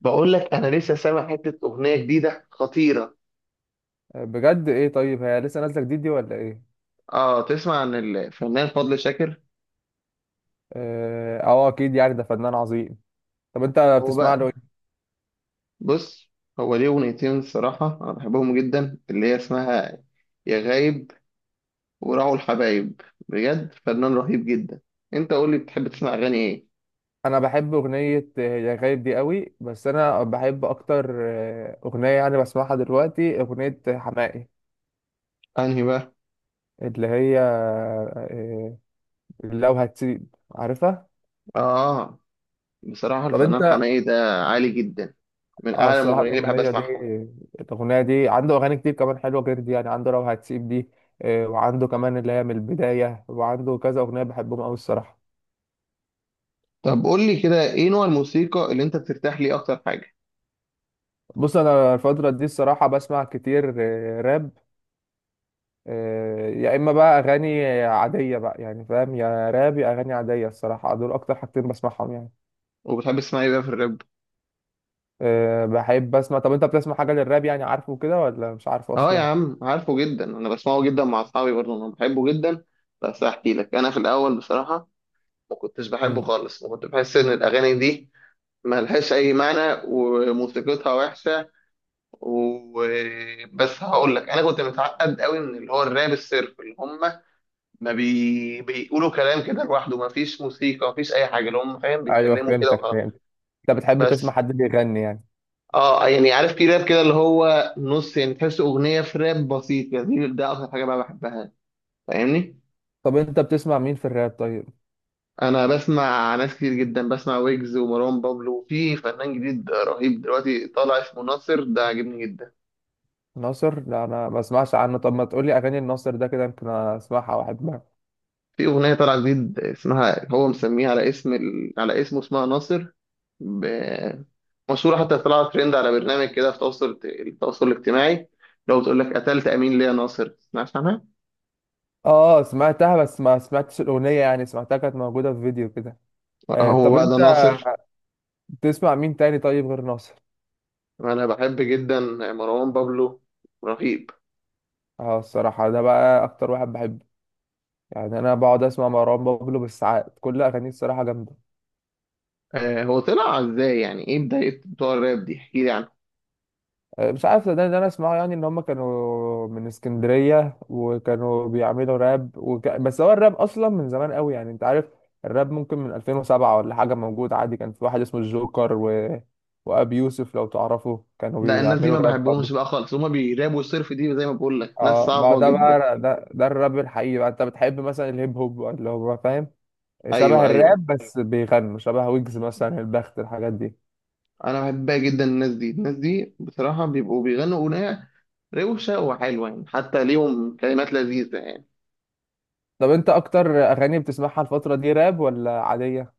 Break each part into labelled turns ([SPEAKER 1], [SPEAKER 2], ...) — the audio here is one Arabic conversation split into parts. [SPEAKER 1] بقول لك انا لسه سامع حته اغنيه جديده خطيره.
[SPEAKER 2] بجد، ايه؟ طيب هي لسه نازله جديد دي ولا ايه؟
[SPEAKER 1] اه، تسمع عن الفنان فضل شاكر؟
[SPEAKER 2] اه، اكيد يعني ده فنان عظيم. طب انت
[SPEAKER 1] هو
[SPEAKER 2] بتسمع له
[SPEAKER 1] بقى،
[SPEAKER 2] ايه؟
[SPEAKER 1] بص، هو ليه اغنيتين الصراحه انا بحبهم جدا، اللي هي اسمها يا غايب وراعوا الحبايب. بجد فنان رهيب جدا. انت قول لي، بتحب تسمع اغاني ايه؟
[SPEAKER 2] انا بحب اغنيه يا غايب دي قوي، بس انا بحب اكتر اغنيه يعني بسمعها دلوقتي اغنيه حماقي.
[SPEAKER 1] انهي بقى؟
[SPEAKER 2] اللي هي لو هتسيب عارفها.
[SPEAKER 1] اه، بصراحه
[SPEAKER 2] طب
[SPEAKER 1] الفنان
[SPEAKER 2] انت.
[SPEAKER 1] حماقي ده عالي جدا، من
[SPEAKER 2] اه
[SPEAKER 1] اعلى
[SPEAKER 2] الصراحه،
[SPEAKER 1] المغنيين اللي بحب
[SPEAKER 2] الاغنيه دي
[SPEAKER 1] اسمعهم.
[SPEAKER 2] الاغنيه دي عنده اغاني كتير كمان حلوه غير دي، يعني عنده لو هتسيب دي. وعنده كمان اللي هي من البدايه، وعنده كذا اغنيه بحبهم قوي الصراحه.
[SPEAKER 1] طب قول لي كده، ايه نوع الموسيقى اللي انت بترتاح ليه اكتر حاجه؟
[SPEAKER 2] بص انا الفتره دي الصراحه بسمع كتير راب. يا اما بقى اغاني عاديه بقى، يعني فاهم، يا راب يا اغاني عاديه، الصراحه دول اكتر حاجتين بسمعهم يعني.
[SPEAKER 1] وبتحب تسمع ايه بقى في الراب؟
[SPEAKER 2] بحب اسمع. طب انت بتسمع حاجه للراب يعني، عارفه كده ولا مش عارفه
[SPEAKER 1] اه يا
[SPEAKER 2] اصلا؟
[SPEAKER 1] عم، عارفه جدا، انا بسمعه جدا مع اصحابي برضه، انا بحبه جدا. بس هحكي لك، انا في الاول بصراحه ما كنتش بحبه
[SPEAKER 2] مم.
[SPEAKER 1] خالص، وكنت بحس ان الاغاني دي ما لهاش اي معنى وموسيقتها وحشه. وبس هقول لك، انا كنت متعقد قوي من اللي هو الراب الصرف، اللي هم ما بي... بيقولوا كلام كده لوحده، ما فيش موسيقى، ما فيش اي حاجه، اللي هم فاهم
[SPEAKER 2] ايوه،
[SPEAKER 1] بيتكلموا كده
[SPEAKER 2] فهمتك
[SPEAKER 1] وخلاص.
[SPEAKER 2] فهمت. انت بتحب تسمع
[SPEAKER 1] بس
[SPEAKER 2] حد بيغني يعني؟
[SPEAKER 1] اه، يعني عارف، في راب كده اللي هو نص، يعني تحس اغنيه في راب بسيط، يعني ده اكتر حاجه بقى بحبها. فاهمني؟
[SPEAKER 2] طب انت بتسمع مين في الراب طيب؟
[SPEAKER 1] انا بسمع ناس كتير جدا، بسمع ويجز ومروان بابلو، وفي فنان جديد رهيب دلوقتي طالع اسمه ناصر، ده عاجبني جدا.
[SPEAKER 2] ناصر؟ لا، انا ما بسمعش عنه. طب ما تقولي اغاني الناصر ده كده يمكن اسمعها واحبها.
[SPEAKER 1] في اغنيه طالعه جديد، اسمها هو مسميها على اسم على اسمه، اسمها ناصر. ب... مشهوره حتى طلعت ترند على برنامج كده في التواصل الاجتماعي. لو بتقول لك، قتلت امين ليه يا ناصر، تسمعش عنها؟
[SPEAKER 2] اه سمعتها، بس ما سمعتش الاغنيه، يعني سمعتها كانت موجوده في فيديو كده.
[SPEAKER 1] هو
[SPEAKER 2] طب
[SPEAKER 1] بقى ده
[SPEAKER 2] انت.
[SPEAKER 1] ناصر.
[SPEAKER 2] تسمع مين تاني طيب غير ناصر؟
[SPEAKER 1] انا بحب جدا مروان بابلو، رهيب.
[SPEAKER 2] اه الصراحة ده بقى أكتر واحد بحبه، يعني أنا بقعد أسمع مروان بابلو بالساعات، كل أغانيه الصراحة جامدة.
[SPEAKER 1] هو طلع ازاي يعني، ايه بدايه بتوع الراب دي؟ احكي لي.
[SPEAKER 2] مش عارف، ده أنا أسمعه، يعني إن هما كانوا من اسكندرية وكانوا بيعملوا راب، بس هو الراب أصلا من زمان قوي، يعني أنت عارف. الراب ممكن من 2007 ولا حاجة موجود عادي، كان في واحد اسمه الجوكر وأبي يوسف لو تعرفه كانوا
[SPEAKER 1] لا، الناس دي
[SPEAKER 2] بيعملوا
[SPEAKER 1] ما
[SPEAKER 2] راب
[SPEAKER 1] بحبهمش بقى
[SPEAKER 2] برضه.
[SPEAKER 1] خالص، هما بيرابوا الصرف دي، زي ما بقول لك، ناس
[SPEAKER 2] اه ما هو
[SPEAKER 1] صعبة
[SPEAKER 2] ده
[SPEAKER 1] جدا.
[SPEAKER 2] بقى، ده الراب الحقيقي بقى. أنت بتحب مثلا الهيب هوب اللي هو، فاهم، شبه
[SPEAKER 1] ايوه، ايوه،
[SPEAKER 2] الراب بس بيغنوا شبه ويجز مثلا، البخت الحاجات دي.
[SPEAKER 1] انا بحبها جدا، الناس دي الناس دي بصراحة بيبقوا بيغنوا أغنية روشة وحلوة يعني، حتى ليهم كلمات لذيذة يعني.
[SPEAKER 2] طب انت اكتر اغاني بتسمعها الفترة دي راب ولا عادية؟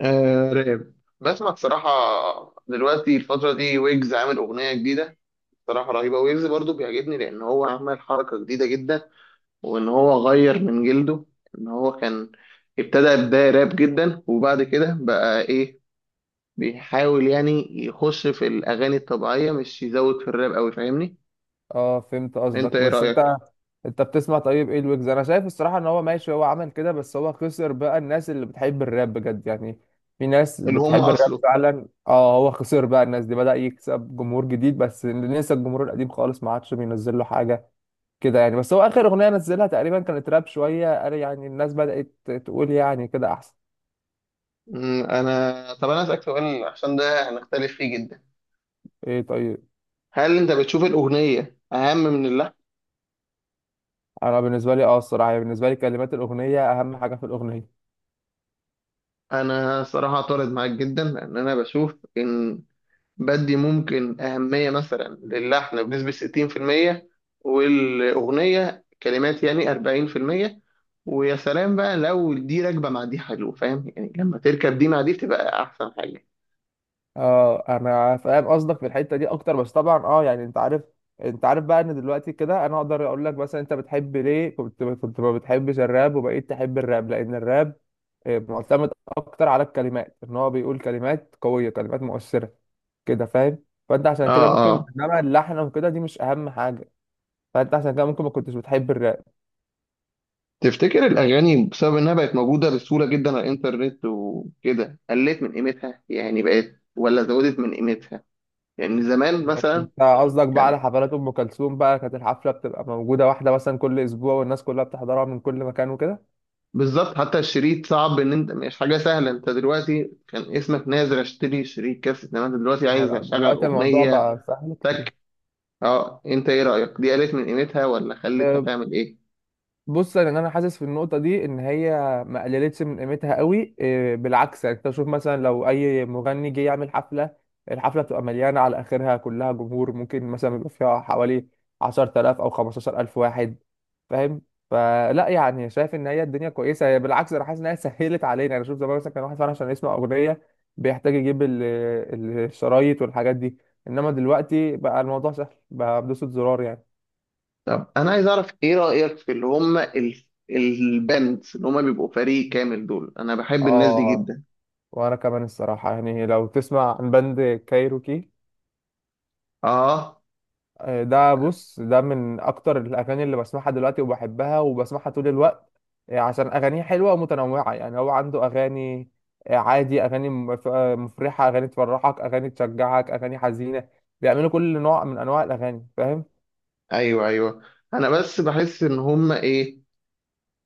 [SPEAKER 1] آه، راب. بسمع بصراحة، دلوقتي الفترة دي ويجز عامل أغنية جديدة بصراحة رهيبة. ويجز برضو بيعجبني، لأن هو عمل حركة جديدة جدا، وإن هو غير من جلده. إن هو كان ابتدى بداية راب جدا، وبعد كده بقى إيه، بيحاول يعني يخش في الأغاني الطبيعية، مش يزود في الراب أوي، فاهمني؟
[SPEAKER 2] اه فهمت
[SPEAKER 1] أنت
[SPEAKER 2] قصدك،
[SPEAKER 1] إيه
[SPEAKER 2] بس
[SPEAKER 1] رأيك؟
[SPEAKER 2] انت بتسمع، طيب ايه الويجز، انا شايف الصراحة ان هو ماشي، هو عمل كده بس هو خسر بقى الناس اللي بتحب الراب بجد يعني. في ناس
[SPEAKER 1] اللي هم
[SPEAKER 2] بتحب الراب
[SPEAKER 1] أصله.
[SPEAKER 2] فعلا، اه هو خسر بقى الناس دي، بدأ يكسب جمهور جديد بس نسى الجمهور القديم خالص، ما عادش بينزل له حاجة كده يعني. بس هو اخر اغنية نزلها تقريبا كانت راب شوية، قال يعني الناس بدأت تقول يعني كده احسن.
[SPEAKER 1] طب أنا أسألك سؤال، عشان ده هنختلف فيه جدا.
[SPEAKER 2] ايه؟ طيب.
[SPEAKER 1] هل أنت بتشوف الأغنية أهم من اللحن؟
[SPEAKER 2] انا بالنسبه لي الصراحه يعني، بالنسبه لي كلمات الاغنيه اهم حاجه في الاغنيه.
[SPEAKER 1] أنا صراحة أعترض معاك جدا، لأن أنا بشوف إن بدي ممكن أهمية مثلا للحن بنسبة 60%، والأغنية كلمات يعني 40%. ويا سلام بقى، لو دي راكبة مع دي حلو، فاهم يعني، لما تركب دي مع دي بتبقى أحسن حاجة.
[SPEAKER 2] اه انا فاهم قصدك في الحته دي اكتر، بس طبعا يعني انت عارف بقى ان دلوقتي كده انا اقدر اقول لك مثلا، انت بتحب ليه كنت ما بتحبش الراب وبقيت تحب الراب، لان الراب معتمد اكتر على الكلمات، ان هو بيقول كلمات قويه، كلمات مؤثره كده، فاهم. فانت عشان
[SPEAKER 1] اه،
[SPEAKER 2] كده ممكن،
[SPEAKER 1] اه.
[SPEAKER 2] انما اللحن وكده دي مش اهم حاجه، فانت عشان كده ممكن ما كنتش بتحب الراب.
[SPEAKER 1] تفتكر الاغاني بسبب انها بقت موجوده بسهوله جدا على الانترنت وكده، قلت من قيمتها، يعني بقت ولا زودت من قيمتها؟ يعني زمان مثلا
[SPEAKER 2] انت قصدك بقى
[SPEAKER 1] كان
[SPEAKER 2] على حفلات ام كلثوم بقى، كانت الحفله بتبقى موجوده واحده مثلا كل اسبوع، والناس كلها بتحضرها من كل مكان وكده.
[SPEAKER 1] بالظبط، حتى الشريط صعب، ان انت مش حاجه سهله، انت دلوقتي كان اسمك نازل اشتري شريط كاسيت، انما انت دلوقتي
[SPEAKER 2] اه
[SPEAKER 1] عايز
[SPEAKER 2] لا،
[SPEAKER 1] اشغل
[SPEAKER 2] دلوقتي الموضوع
[SPEAKER 1] اغنيه،
[SPEAKER 2] بقى سهل كتير.
[SPEAKER 1] تك. اه، انت ايه رايك؟ دي قلت من قيمتها ولا خلتها تعمل ايه؟
[SPEAKER 2] بص انا حاسس في النقطه دي ان هي ما قللتش من قيمتها قوي، بالعكس، يعني انت شوف مثلا لو اي مغني جه يعمل حفله، الحفله بتبقى مليانه على اخرها كلها جمهور، ممكن مثلا يبقى فيها حوالي 10,000 او 15,000 واحد، فاهم. فلا يعني شايف ان هي الدنيا كويسه، هي بالعكس، انا حاسس ان هي سهلت علينا، يعني شوف زمان مثلا كان واحد فعلا عشان يسمع اغنيه بيحتاج يجيب الشرايط والحاجات دي، انما دلوقتي بقى الموضوع سهل بقى بدوسة زرار يعني.
[SPEAKER 1] طب انا عايز اعرف ايه رايك في اللي هم الباندز، اللي هم بيبقوا فريق كامل، دول انا بحب الناس دي
[SPEAKER 2] اه
[SPEAKER 1] جدا.
[SPEAKER 2] وانا كمان الصراحه، يعني لو تسمع عن باند كايروكي.
[SPEAKER 1] اه،
[SPEAKER 2] آه، ده بص ده من اكتر الاغاني اللي بسمعها دلوقتي وبحبها وبسمعها طول الوقت، عشان اغانيه حلوه ومتنوعه، يعني هو عنده اغاني عادي، اغاني مفرحه، اغاني تفرحك، اغاني تشجعك، اغاني حزينه، بيعملوا كل نوع من انواع الاغاني، فاهم.
[SPEAKER 1] ايوه، ايوه. انا بس بحس ان هم ايه،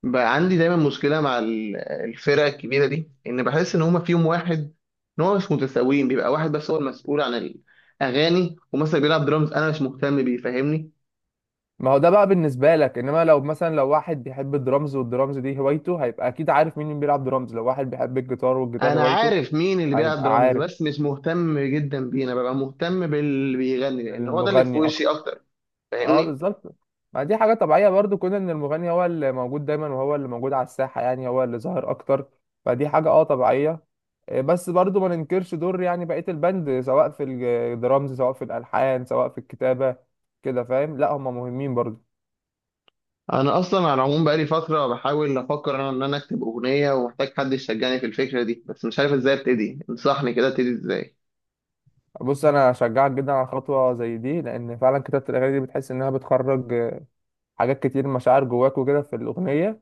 [SPEAKER 1] بقى عندي دايما مشكله مع الفرق الكبيره دي، ان بحس ان هم فيهم واحد، ان هو مش متساويين، بيبقى واحد بس هو المسؤول عن الاغاني، ومثلا بيلعب درامز انا مش مهتم بيه، فاهمني؟
[SPEAKER 2] ما هو ده بقى بالنسبه لك، انما لو مثلا لو واحد بيحب الدرامز والدرامز دي هوايته هيبقى اكيد عارف مين بيلعب درامز، لو واحد بيحب الجيتار والجيتار
[SPEAKER 1] انا
[SPEAKER 2] هوايته
[SPEAKER 1] عارف مين اللي بيلعب
[SPEAKER 2] هيبقى
[SPEAKER 1] درامز،
[SPEAKER 2] عارف
[SPEAKER 1] بس مش مهتم جدا بيه، انا ببقى مهتم باللي بيغني لان هو ده اللي في
[SPEAKER 2] المغني اكتر.
[SPEAKER 1] وشي اكتر،
[SPEAKER 2] اه
[SPEAKER 1] فاهمني؟
[SPEAKER 2] بالظبط. ما دي حاجة طبيعية برضو، كون ان المغني هو اللي موجود دايما وهو اللي موجود على الساحة، يعني هو اللي ظاهر اكتر، فدي حاجة طبيعية. بس برضو ما ننكرش دور يعني بقية البند، سواء في الدرامز سواء في الالحان سواء في الكتابة كده، فاهم، لا هم مهمين برضو.
[SPEAKER 1] انا اصلا على العموم بقالي فتره بحاول افكر انا ان انا اكتب اغنيه، ومحتاج حد يشجعني في الفكره دي، بس مش عارف ازاي ابتدي، انصحني كده ابتدي ازاي؟
[SPEAKER 2] بص انا اشجعك جدا على خطوة زي دي، لان فعلا كتابة الاغاني دي بتحس انها بتخرج حاجات كتير، مشاعر جواك وكده في الاغنية.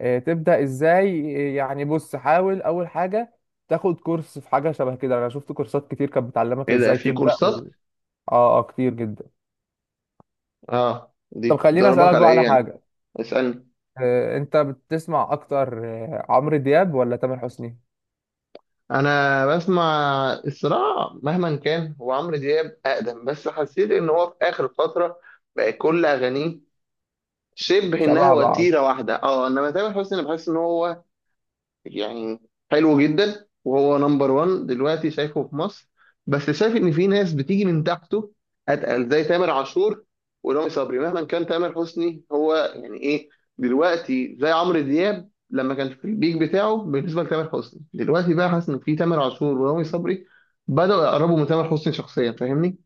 [SPEAKER 2] تبدأ ازاي؟ يعني بص، حاول اول حاجة تاخد كورس في حاجة شبه كده، انا شفت كورسات كتير كانت بتعلمك
[SPEAKER 1] ايه ده،
[SPEAKER 2] ازاي
[SPEAKER 1] في
[SPEAKER 2] تبدأ.
[SPEAKER 1] كورسات؟
[SPEAKER 2] اه، اه، كتير جدا.
[SPEAKER 1] اه، دي
[SPEAKER 2] طب خليني
[SPEAKER 1] بتدربك
[SPEAKER 2] اسألك
[SPEAKER 1] على
[SPEAKER 2] بقى
[SPEAKER 1] ايه
[SPEAKER 2] على
[SPEAKER 1] يعني؟
[SPEAKER 2] حاجة،
[SPEAKER 1] اسألني.
[SPEAKER 2] انت بتسمع اكتر عمرو دياب ولا تامر حسني؟
[SPEAKER 1] انا بسمع، الصراحة مهما كان هو عمرو دياب اقدم، بس حسيت ان هو في اخر فترة بقى كل اغانيه شبه، انها
[SPEAKER 2] شبه بعض.
[SPEAKER 1] وتيرة واحدة. اه، انما تامر حسني بحس ان هو يعني حلو جدا، وهو نمبر 1 دلوقتي شايفه في مصر. بس شايف ان في ناس بتيجي من تحته، اتقل، زي تامر عاشور ورامي صبري، مهما كان تامر حسني هو يعني ايه، دلوقتي زي عمرو دياب لما كان في البيك بتاعه، بالنسبه لتامر حسني دلوقتي، بقى حاسس ان في تامر عاشور ورامي صبري بدأوا يقربوا من تامر حسني شخصيا، فاهمني؟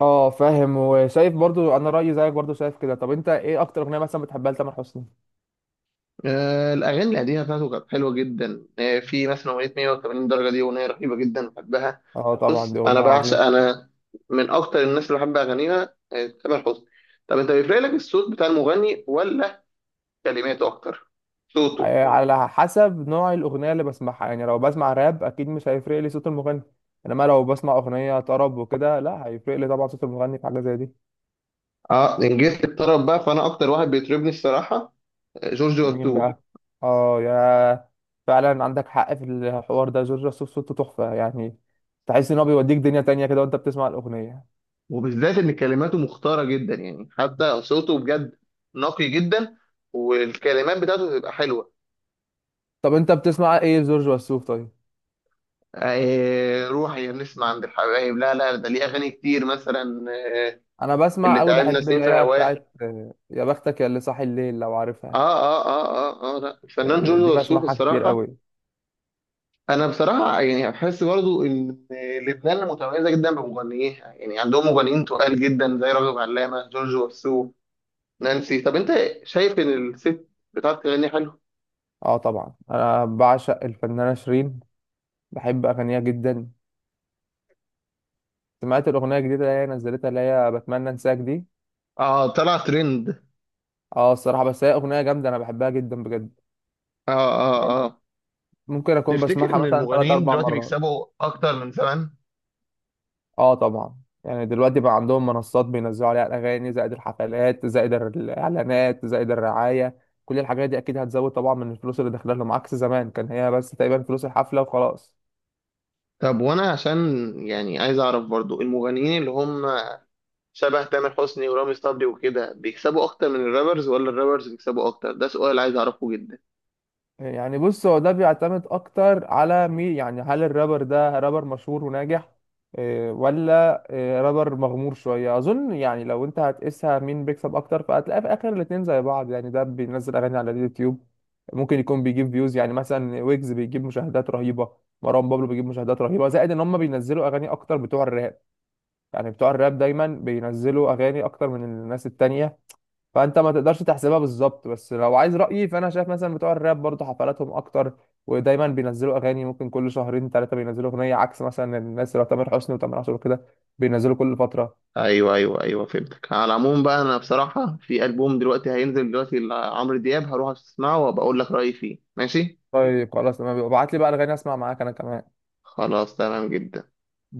[SPEAKER 2] اه فاهم، وشايف برضو، انا رأيي زيك برضو شايف كده. طب انت ايه اكتر اغنية مثلا بتحبها لتامر حسني؟
[SPEAKER 1] آه، الأغاني القديمة بتاعته كانت حلوة جدا، في مثلا أغنية 180 درجة، دي أغنية رهيبة جدا بحبها.
[SPEAKER 2] اه طبعا
[SPEAKER 1] بص،
[SPEAKER 2] دي اغنية
[SPEAKER 1] انا بعشق
[SPEAKER 2] عظيمة.
[SPEAKER 1] انا من اكتر الناس اللي بحب اغانيها، تامر حسني. طب انت، بيفرق لك الصوت بتاع المغني ولا كلماته اكتر؟ صوته؟
[SPEAKER 2] على حسب نوع الأغنية اللي بسمعها، يعني لو بسمع راب أكيد مش هيفرق لي صوت المغني، إنما لو بسمع أغنية طرب وكده لا، هيفرق لي طبعا صوت المغني في حاجة زي دي.
[SPEAKER 1] اه، إن جيت الطرب بقى فانا اكتر واحد بيطربني الصراحه، جورج
[SPEAKER 2] مين
[SPEAKER 1] وسوف.
[SPEAKER 2] بقى؟ آه يا فعلا عندك حق في الحوار ده، جورج وسوف صوته تحفة يعني، تحس إن هو بيوديك دنيا تانية كده وأنت بتسمع الأغنية.
[SPEAKER 1] وبالذات ان كلماته مختاره جدا يعني، حتى صوته بجد نقي جدا، والكلمات بتاعته بتبقى حلوه.
[SPEAKER 2] طب أنت بتسمع إيه جورج وسوف طيب؟
[SPEAKER 1] آه، روحي يا نسمة، عند الحبايب، لا لا، ده ليه اغاني كتير مثلا، آه،
[SPEAKER 2] أنا بسمع
[SPEAKER 1] اللي
[SPEAKER 2] أوي،
[SPEAKER 1] تعبنا
[SPEAKER 2] بحب
[SPEAKER 1] سنين
[SPEAKER 2] اللي
[SPEAKER 1] في
[SPEAKER 2] هي
[SPEAKER 1] هواه.
[SPEAKER 2] بتاعت يا بختك يا اللي صاحي الليل، لو عارفها.
[SPEAKER 1] اه، اه، اه، اه، اه، لا، الفنان جورج
[SPEAKER 2] دي
[SPEAKER 1] وسوف
[SPEAKER 2] بسمعها كتير
[SPEAKER 1] الصراحه.
[SPEAKER 2] أوي.
[SPEAKER 1] انا بصراحه يعني بحس برضو ان لبنان متميزه جدا بمغنيها يعني، عندهم مغنيين تقال جدا زي راغب علامه، جورج وسوف، نانسي، طب انت شايف ان الست بتعرف تغني حلو؟
[SPEAKER 2] اه طبعا، انا بعشق الفنانه شيرين، بحب اغانيها جدا. سمعت الاغنيه الجديده اللي هي نزلتها اللي هي بتمنى انساك دي.
[SPEAKER 1] اه، طلع ترند.
[SPEAKER 2] اه الصراحه، بس هي اغنيه جامده، انا بحبها جدا بجد،
[SPEAKER 1] اه، اه، اه.
[SPEAKER 2] ممكن اكون
[SPEAKER 1] تفتكر
[SPEAKER 2] بسمعها
[SPEAKER 1] ان
[SPEAKER 2] مثلا ثلاث
[SPEAKER 1] المغنيين
[SPEAKER 2] اربع
[SPEAKER 1] دلوقتي
[SPEAKER 2] مرات.
[SPEAKER 1] بيكسبوا اكتر من زمان؟
[SPEAKER 2] اه طبعا، يعني دلوقتي بقى عندهم منصات بينزلوا عليها الاغاني، زائد الحفلات زائد الاعلانات زائد الرعايه، كل الحاجات دي اكيد هتزود طبعا من الفلوس اللي داخله لهم، عكس زمان كان هي بس تقريبا فلوس الحفله وخلاص.
[SPEAKER 1] طب وانا عشان يعني عايز اعرف برضو، المغنيين اللي هم شبه تامر حسني ورامي صبري وكده بيكسبوا اكتر من الرابرز، ولا الرابرز بيكسبوا اكتر؟ ده سؤال عايز اعرفه جدا.
[SPEAKER 2] يعني بص، هو ده بيعتمد اكتر على مين، يعني هل الرابر ده رابر مشهور وناجح ولا رابر مغمور شوية، اظن يعني لو انت هتقيسها مين بيكسب اكتر فهتلاقي في اخر الاتنين زي بعض، يعني ده بينزل اغاني على اليوتيوب ممكن يكون بيجيب فيوز، يعني مثلا ويجز بيجيب مشاهدات رهيبة، مروان بابلو بيجيب مشاهدات رهيبة، زائد ان هم بينزلوا اغاني اكتر بتوع الراب، يعني بتوع الراب دايما بينزلوا اغاني اكتر من الناس التانية. فانت ما تقدرش تحسبها بالظبط، بس لو عايز رأيي فانا شايف مثلا بتوع الراب برضه حفلاتهم اكتر، ودايما بينزلوا اغاني ممكن كل شهرين ثلاثة بينزلوا اغنية، عكس مثلا الناس اللي هو تامر حسني وتامر عاشور كده بينزلوا كل فترة.
[SPEAKER 1] ايوه، ايوه، ايوه، فهمتك، على العموم بقى انا بصراحه في البوم دلوقتي هينزل دلوقتي لعمرو دياب، هروح اسمعه وبقول لك رايي فيه، ماشي.
[SPEAKER 2] طيب خلاص تمام، ابعت لي بقى الاغاني اسمع معاك انا كمان.
[SPEAKER 1] خلاص، تمام جدا.